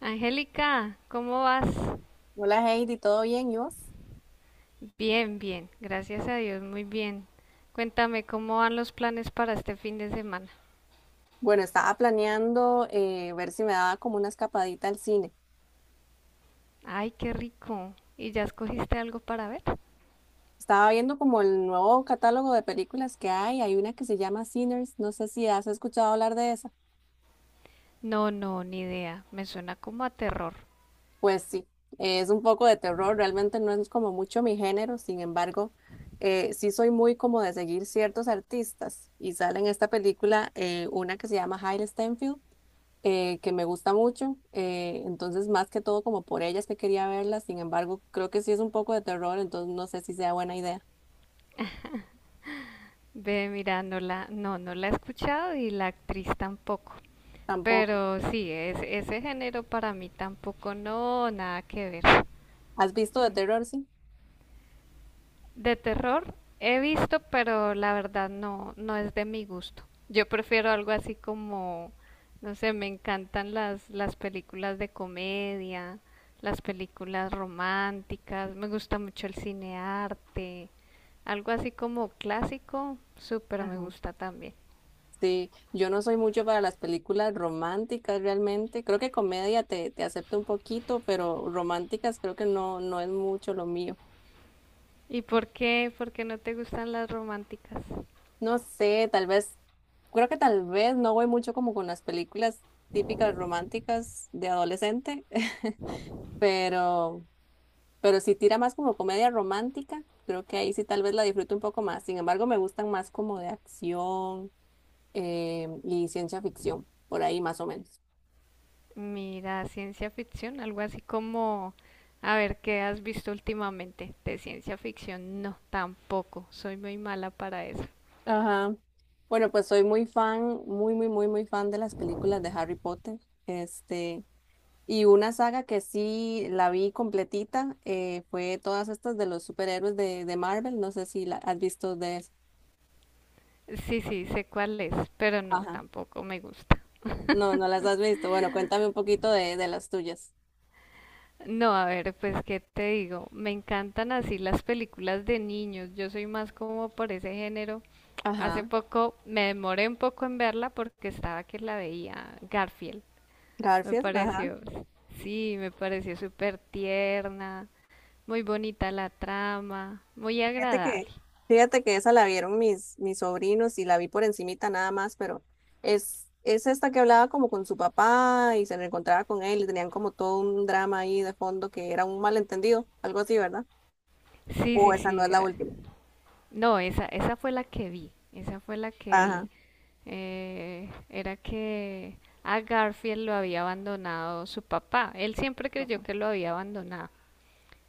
Angélica, ¿cómo vas? Hola Heidi, ¿todo bien? ¿Y vos? Bien, bien, gracias a Dios, muy bien. Cuéntame cómo van los planes para este fin de semana. Bueno, estaba planeando ver si me daba como una escapadita al cine. Ay, qué rico. ¿Y ya escogiste algo para ver? Estaba viendo como el nuevo catálogo de películas que hay. Hay una que se llama Sinners. No sé si has escuchado hablar de esa. No, no, ni idea. Me suena como a terror. Pues sí, es un poco de terror. Realmente no es como mucho mi género. Sin embargo, sí soy muy como de seguir ciertos artistas. Y sale en esta película una que se llama Hailee Steinfeld que me gusta mucho. Entonces, más que todo, como por ellas que quería verlas. Sin embargo, creo que sí es un poco de terror, entonces no sé si sea buena idea. Ve, mira, no la he escuchado y la actriz tampoco. Tampoco. Pero sí, es, ese género para mí tampoco, no, nada que ver. ¿Has visto de terror? Sí. De terror he visto, pero la verdad no, no es de mi gusto. Yo prefiero algo así como, no sé, me encantan las películas de comedia, las películas románticas, me gusta mucho el cine arte, algo así como clásico, súper me Ajá. gusta también. Sí, yo no soy mucho para las películas románticas realmente. Creo que comedia te acepto un poquito, pero románticas creo que no, no es mucho lo mío. ¿Y por qué no te gustan las románticas? No sé, tal vez, creo que tal vez no voy mucho como con las películas típicas románticas de adolescente, pero Pero si tira más como comedia romántica, creo que ahí sí tal vez la disfruto un poco más. Sin embargo, me gustan más como de acción y ciencia ficción, por ahí más o menos. Mira, ciencia ficción, algo así como, a ver, ¿qué has visto últimamente de ciencia ficción? No, tampoco, soy muy mala para eso. Ajá. Bueno, pues soy muy fan, muy, muy, muy, muy fan de las películas de Harry Potter. Este, y una saga que sí la vi completita fue todas estas de los superhéroes de Marvel. No sé si la has visto de esa. Sí, sí, sé cuál es, pero no, Ajá. tampoco me gusta. No, no las has visto. Bueno, cuéntame un poquito de las tuyas. No, a ver, pues qué te digo, me encantan así las películas de niños, yo soy más como por ese género. Hace Ajá. poco me demoré un poco en verla porque estaba que la veía Garfield, me Garfield, ajá. pareció, sí, me pareció súper tierna. Muy bonita la trama, muy Fíjate que, agradable. fíjate que esa la vieron mis sobrinos y la vi por encimita nada más, pero es esta que hablaba como con su papá y se reencontraba con él y tenían como todo un drama ahí de fondo que era un malentendido, algo así, ¿verdad? Sí, O sí, esa no sí, es la era. última. No, esa fue la que vi, esa fue la que Ajá. vi. Era que a Garfield lo había abandonado su papá. Él siempre creyó Papá. que lo había abandonado.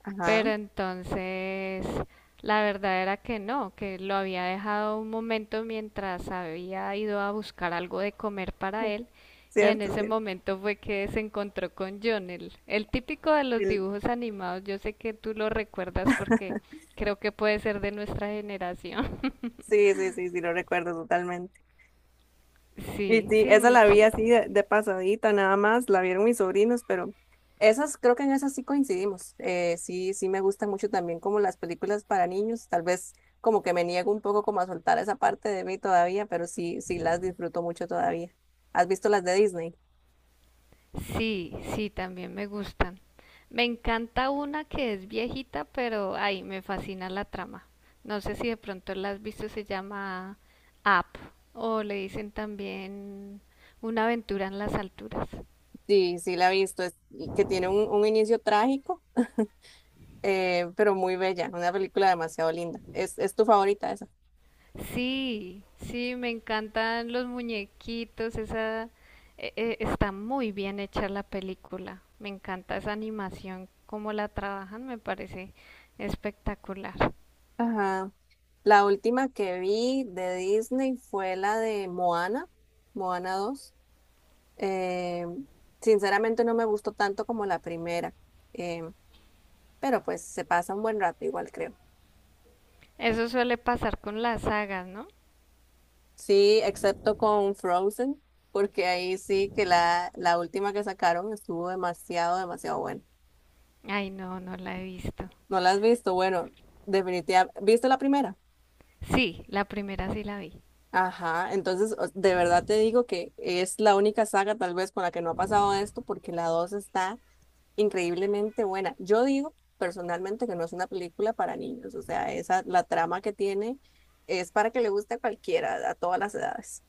Ajá. Pero entonces la verdad era que no, que lo había dejado un momento mientras había ido a buscar algo de comer para él, y en Cierto, ese cierto. momento fue que se encontró con John, el típico de los dibujos animados. Yo sé que tú lo recuerdas porque creo que puede ser de nuestra generación. Sí, sí, sí, sí, lo recuerdo totalmente. Y Sí, sí, sí, esa muy la vi así chévere. de pasadita, nada más, la vieron mis sobrinos, pero esas, creo que en esas sí coincidimos. Sí, sí me gustan mucho también como las películas para niños, tal vez como que me niego un poco como a soltar esa parte de mí todavía, pero sí, sí las disfruto mucho todavía. ¿Has visto las de Disney? Sí, sí, también me gustan. Me encanta una que es viejita, pero ay, me fascina la trama. No sé si de pronto la has visto, se llama Up, o le dicen también Una aventura en las alturas. Sí, sí la he visto, y que tiene un inicio trágico, pero muy bella, una película demasiado linda. ¿Es tu favorita esa? Sí, sí, me encantan los muñequitos, esa está muy bien hecha la película. Me encanta esa animación, cómo la trabajan, me parece espectacular. Ajá. La última que vi de Disney fue la de Moana, Moana dos. Eh, Sinceramente no me gustó tanto como la primera, eh, pero pues se pasa un buen rato igual creo. Eso suele pasar con las sagas, ¿no? Sí, excepto con Frozen, porque ahí sí que la última que sacaron estuvo demasiado, demasiado buena. Ay, no, no la he visto. ¿No la has visto? Bueno, definitivamente. ¿Viste la primera? Sí, la primera sí la vi. Ajá, entonces de verdad te digo que es la única saga tal vez con la que no ha pasado esto, porque la 2 está increíblemente buena. Yo digo personalmente que no es una película para niños, o sea, esa, la trama que tiene es para que le guste a cualquiera, a todas las edades.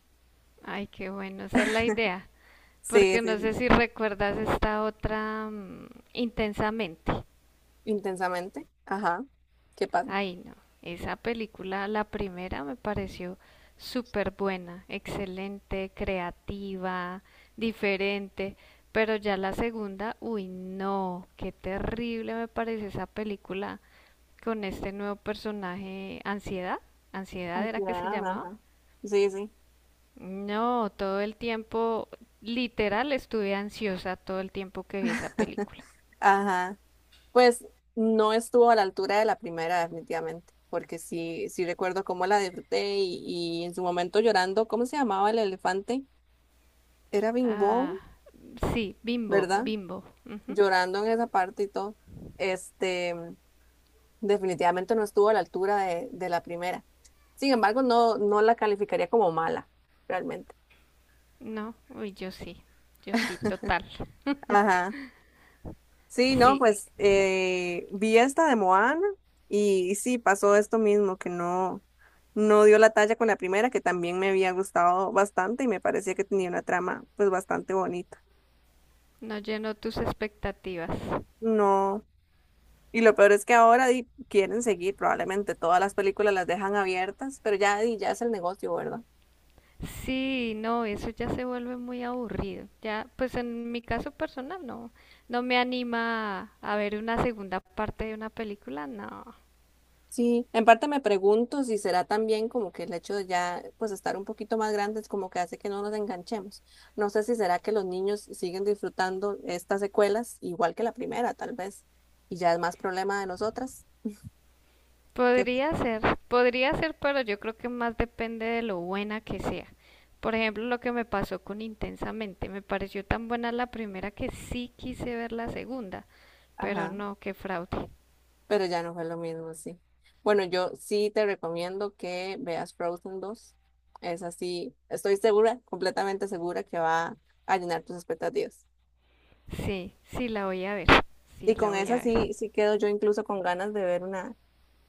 Ay, qué bueno, esa es la idea. Sí, Porque sí, no sí. sé si recuerdas esta otra, intensamente. Intensamente. Ajá. ¿Qué pasa? Ay, no, esa película, la primera me pareció súper buena, excelente, creativa, diferente. Pero ya la segunda, uy, no, qué terrible me parece esa película con este nuevo personaje, Ansiedad. Ansiedad era que se Ansiedad, llamaba. ajá. Sí, sí. No, todo el tiempo, literal, estuve ansiosa todo el tiempo que vi esa película. Ajá. Pues no estuvo a la altura de la primera, definitivamente, porque sí, sí recuerdo cómo la disfruté y en su momento llorando, ¿cómo se llamaba el elefante? Era Bing Bong, Ah, sí, Bimbo, ¿verdad? Bimbo. Ujú. Llorando en esa parte y todo, este, definitivamente no estuvo a la altura de la primera. Sin embargo, no, no la calificaría como mala, realmente. No, uy, yo sí, yo sí, total. Ajá. Sí, no, Sí, pues vi esta de Moana y, sí, pasó esto mismo, que no, no dio la talla con la primera, que también me había gustado bastante y me parecía que tenía una trama pues bastante bonita. no llenó tus expectativas. No. Y lo peor es que ahora di, quieren seguir, probablemente todas las películas las dejan abiertas, pero ya, di, ya es el negocio, ¿verdad? Sí, no, eso ya se vuelve muy aburrido. Ya, pues en mi caso personal, no, no me anima a ver una segunda parte de una película, no. Sí, en parte me pregunto si será también como que el hecho de ya pues estar un poquito más grandes como que hace que no nos enganchemos. No sé si será que los niños siguen disfrutando estas secuelas igual que la primera, tal vez, y ya es más problema de nosotras que, Podría ser, podría ser, pero yo creo que más depende de lo buena que sea. Por ejemplo, lo que me pasó con Intensamente, me pareció tan buena la primera que sí quise ver la segunda, pero ajá, no, qué fraude. pero ya no fue lo mismo, sí. Bueno, yo sí te recomiendo que veas Frozen 2. Es así, estoy segura, completamente segura que va a llenar tus expectativas. Sí, sí la voy a ver, Y sí la con voy esa a ver. sí, sí quedo yo incluso con ganas de ver una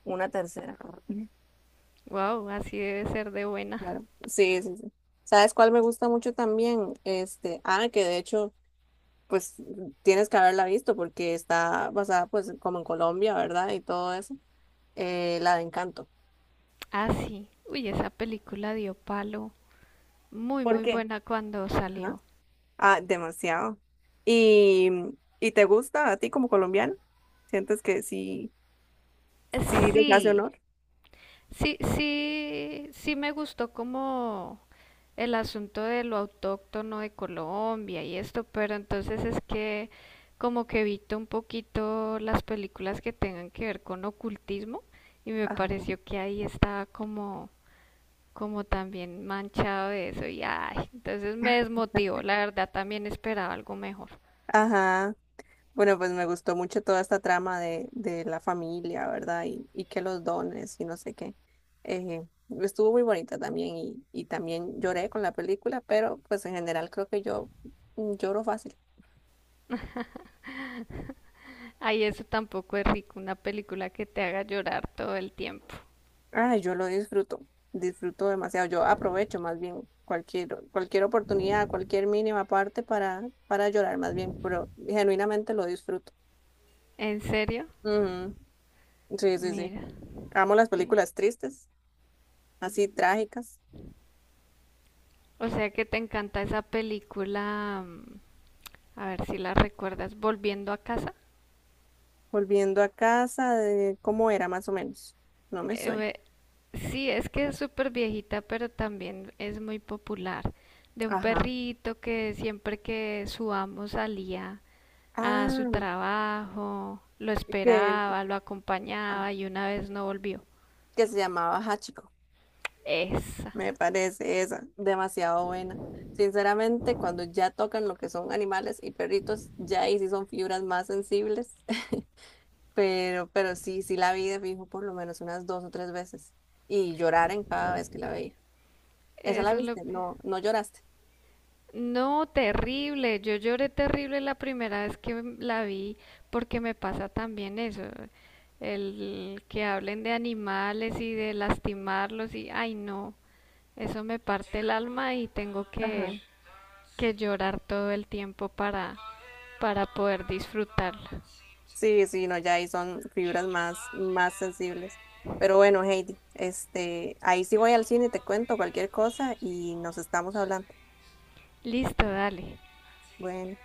Una tercera. Wow, así debe ser de buena. Claro. Sí, sí, sí. ¿Sabes cuál me gusta mucho también? Este, ah, que de hecho, pues tienes que haberla visto porque está basada pues como en Colombia, ¿verdad? Y todo eso. La de Encanto. Ah, sí. Uy, esa película dio palo. Muy, ¿Por muy qué? buena cuando Ajá. salió. Ah, demasiado. ¿Y, y te gusta a ti como colombiano? ¿Sientes que sí, sí les hace Sí, honor? sí, sí, sí me gustó como el asunto de lo autóctono de Colombia y esto, pero entonces es que como que evito un poquito las películas que tengan que ver con ocultismo, y me Ajá. pareció que ahí estaba como también manchado de eso y ay, entonces me desmotivó, la verdad también esperaba algo mejor. Ajá. Bueno, pues me gustó mucho toda esta trama de la familia, ¿verdad? Y que los dones y no sé qué. Eh, Estuvo muy bonita también y también lloré con la película, pero pues en general creo que yo lloro fácil. Ay, eso tampoco es rico, una película que te haga llorar todo el tiempo. Ay, yo lo disfruto, disfruto demasiado. Yo aprovecho más bien cualquier oportunidad, cualquier mínima parte para llorar más bien, pero genuinamente lo disfruto. ¿En serio? Ujú, sí, sí, sí. Mira. Amo las películas tristes, así trágicas. O sea que te encanta esa película. A ver si la recuerdas, Volviendo a casa. Volviendo a casa, de cómo era más o menos. No me suena. Eh, sí, es que es súper viejita, pero también es muy popular. De un Ajá. perrito que siempre que su amo salía a su Ah, trabajo, lo que, esperaba, lo ah, acompañaba y una vez no volvió. que se llamaba Hachiko. Esa, Me parece esa. Demasiado buena. Sinceramente, cuando ya tocan lo que son animales y perritos, ya ahí sí son fibras más sensibles. Pero sí, sí la vi de fijo por lo menos unas dos o tres veces. Y llorar en cada vez que la veía. ¿Esa la eso es lo... viste? No, no lloraste. No, terrible. Yo lloré terrible la primera vez que la vi, porque me pasa también eso. El que hablen de animales y de lastimarlos y, ay no, eso me parte el alma y tengo Ajá. Que llorar todo el tiempo para poder disfrutarla. Sí, sí, no, ya ahí son fibras más sensibles. Pero bueno, Heidi, este, ahí sí voy al cine, te cuento cualquier cosa y nos estamos hablando. Listo, dale. Bueno.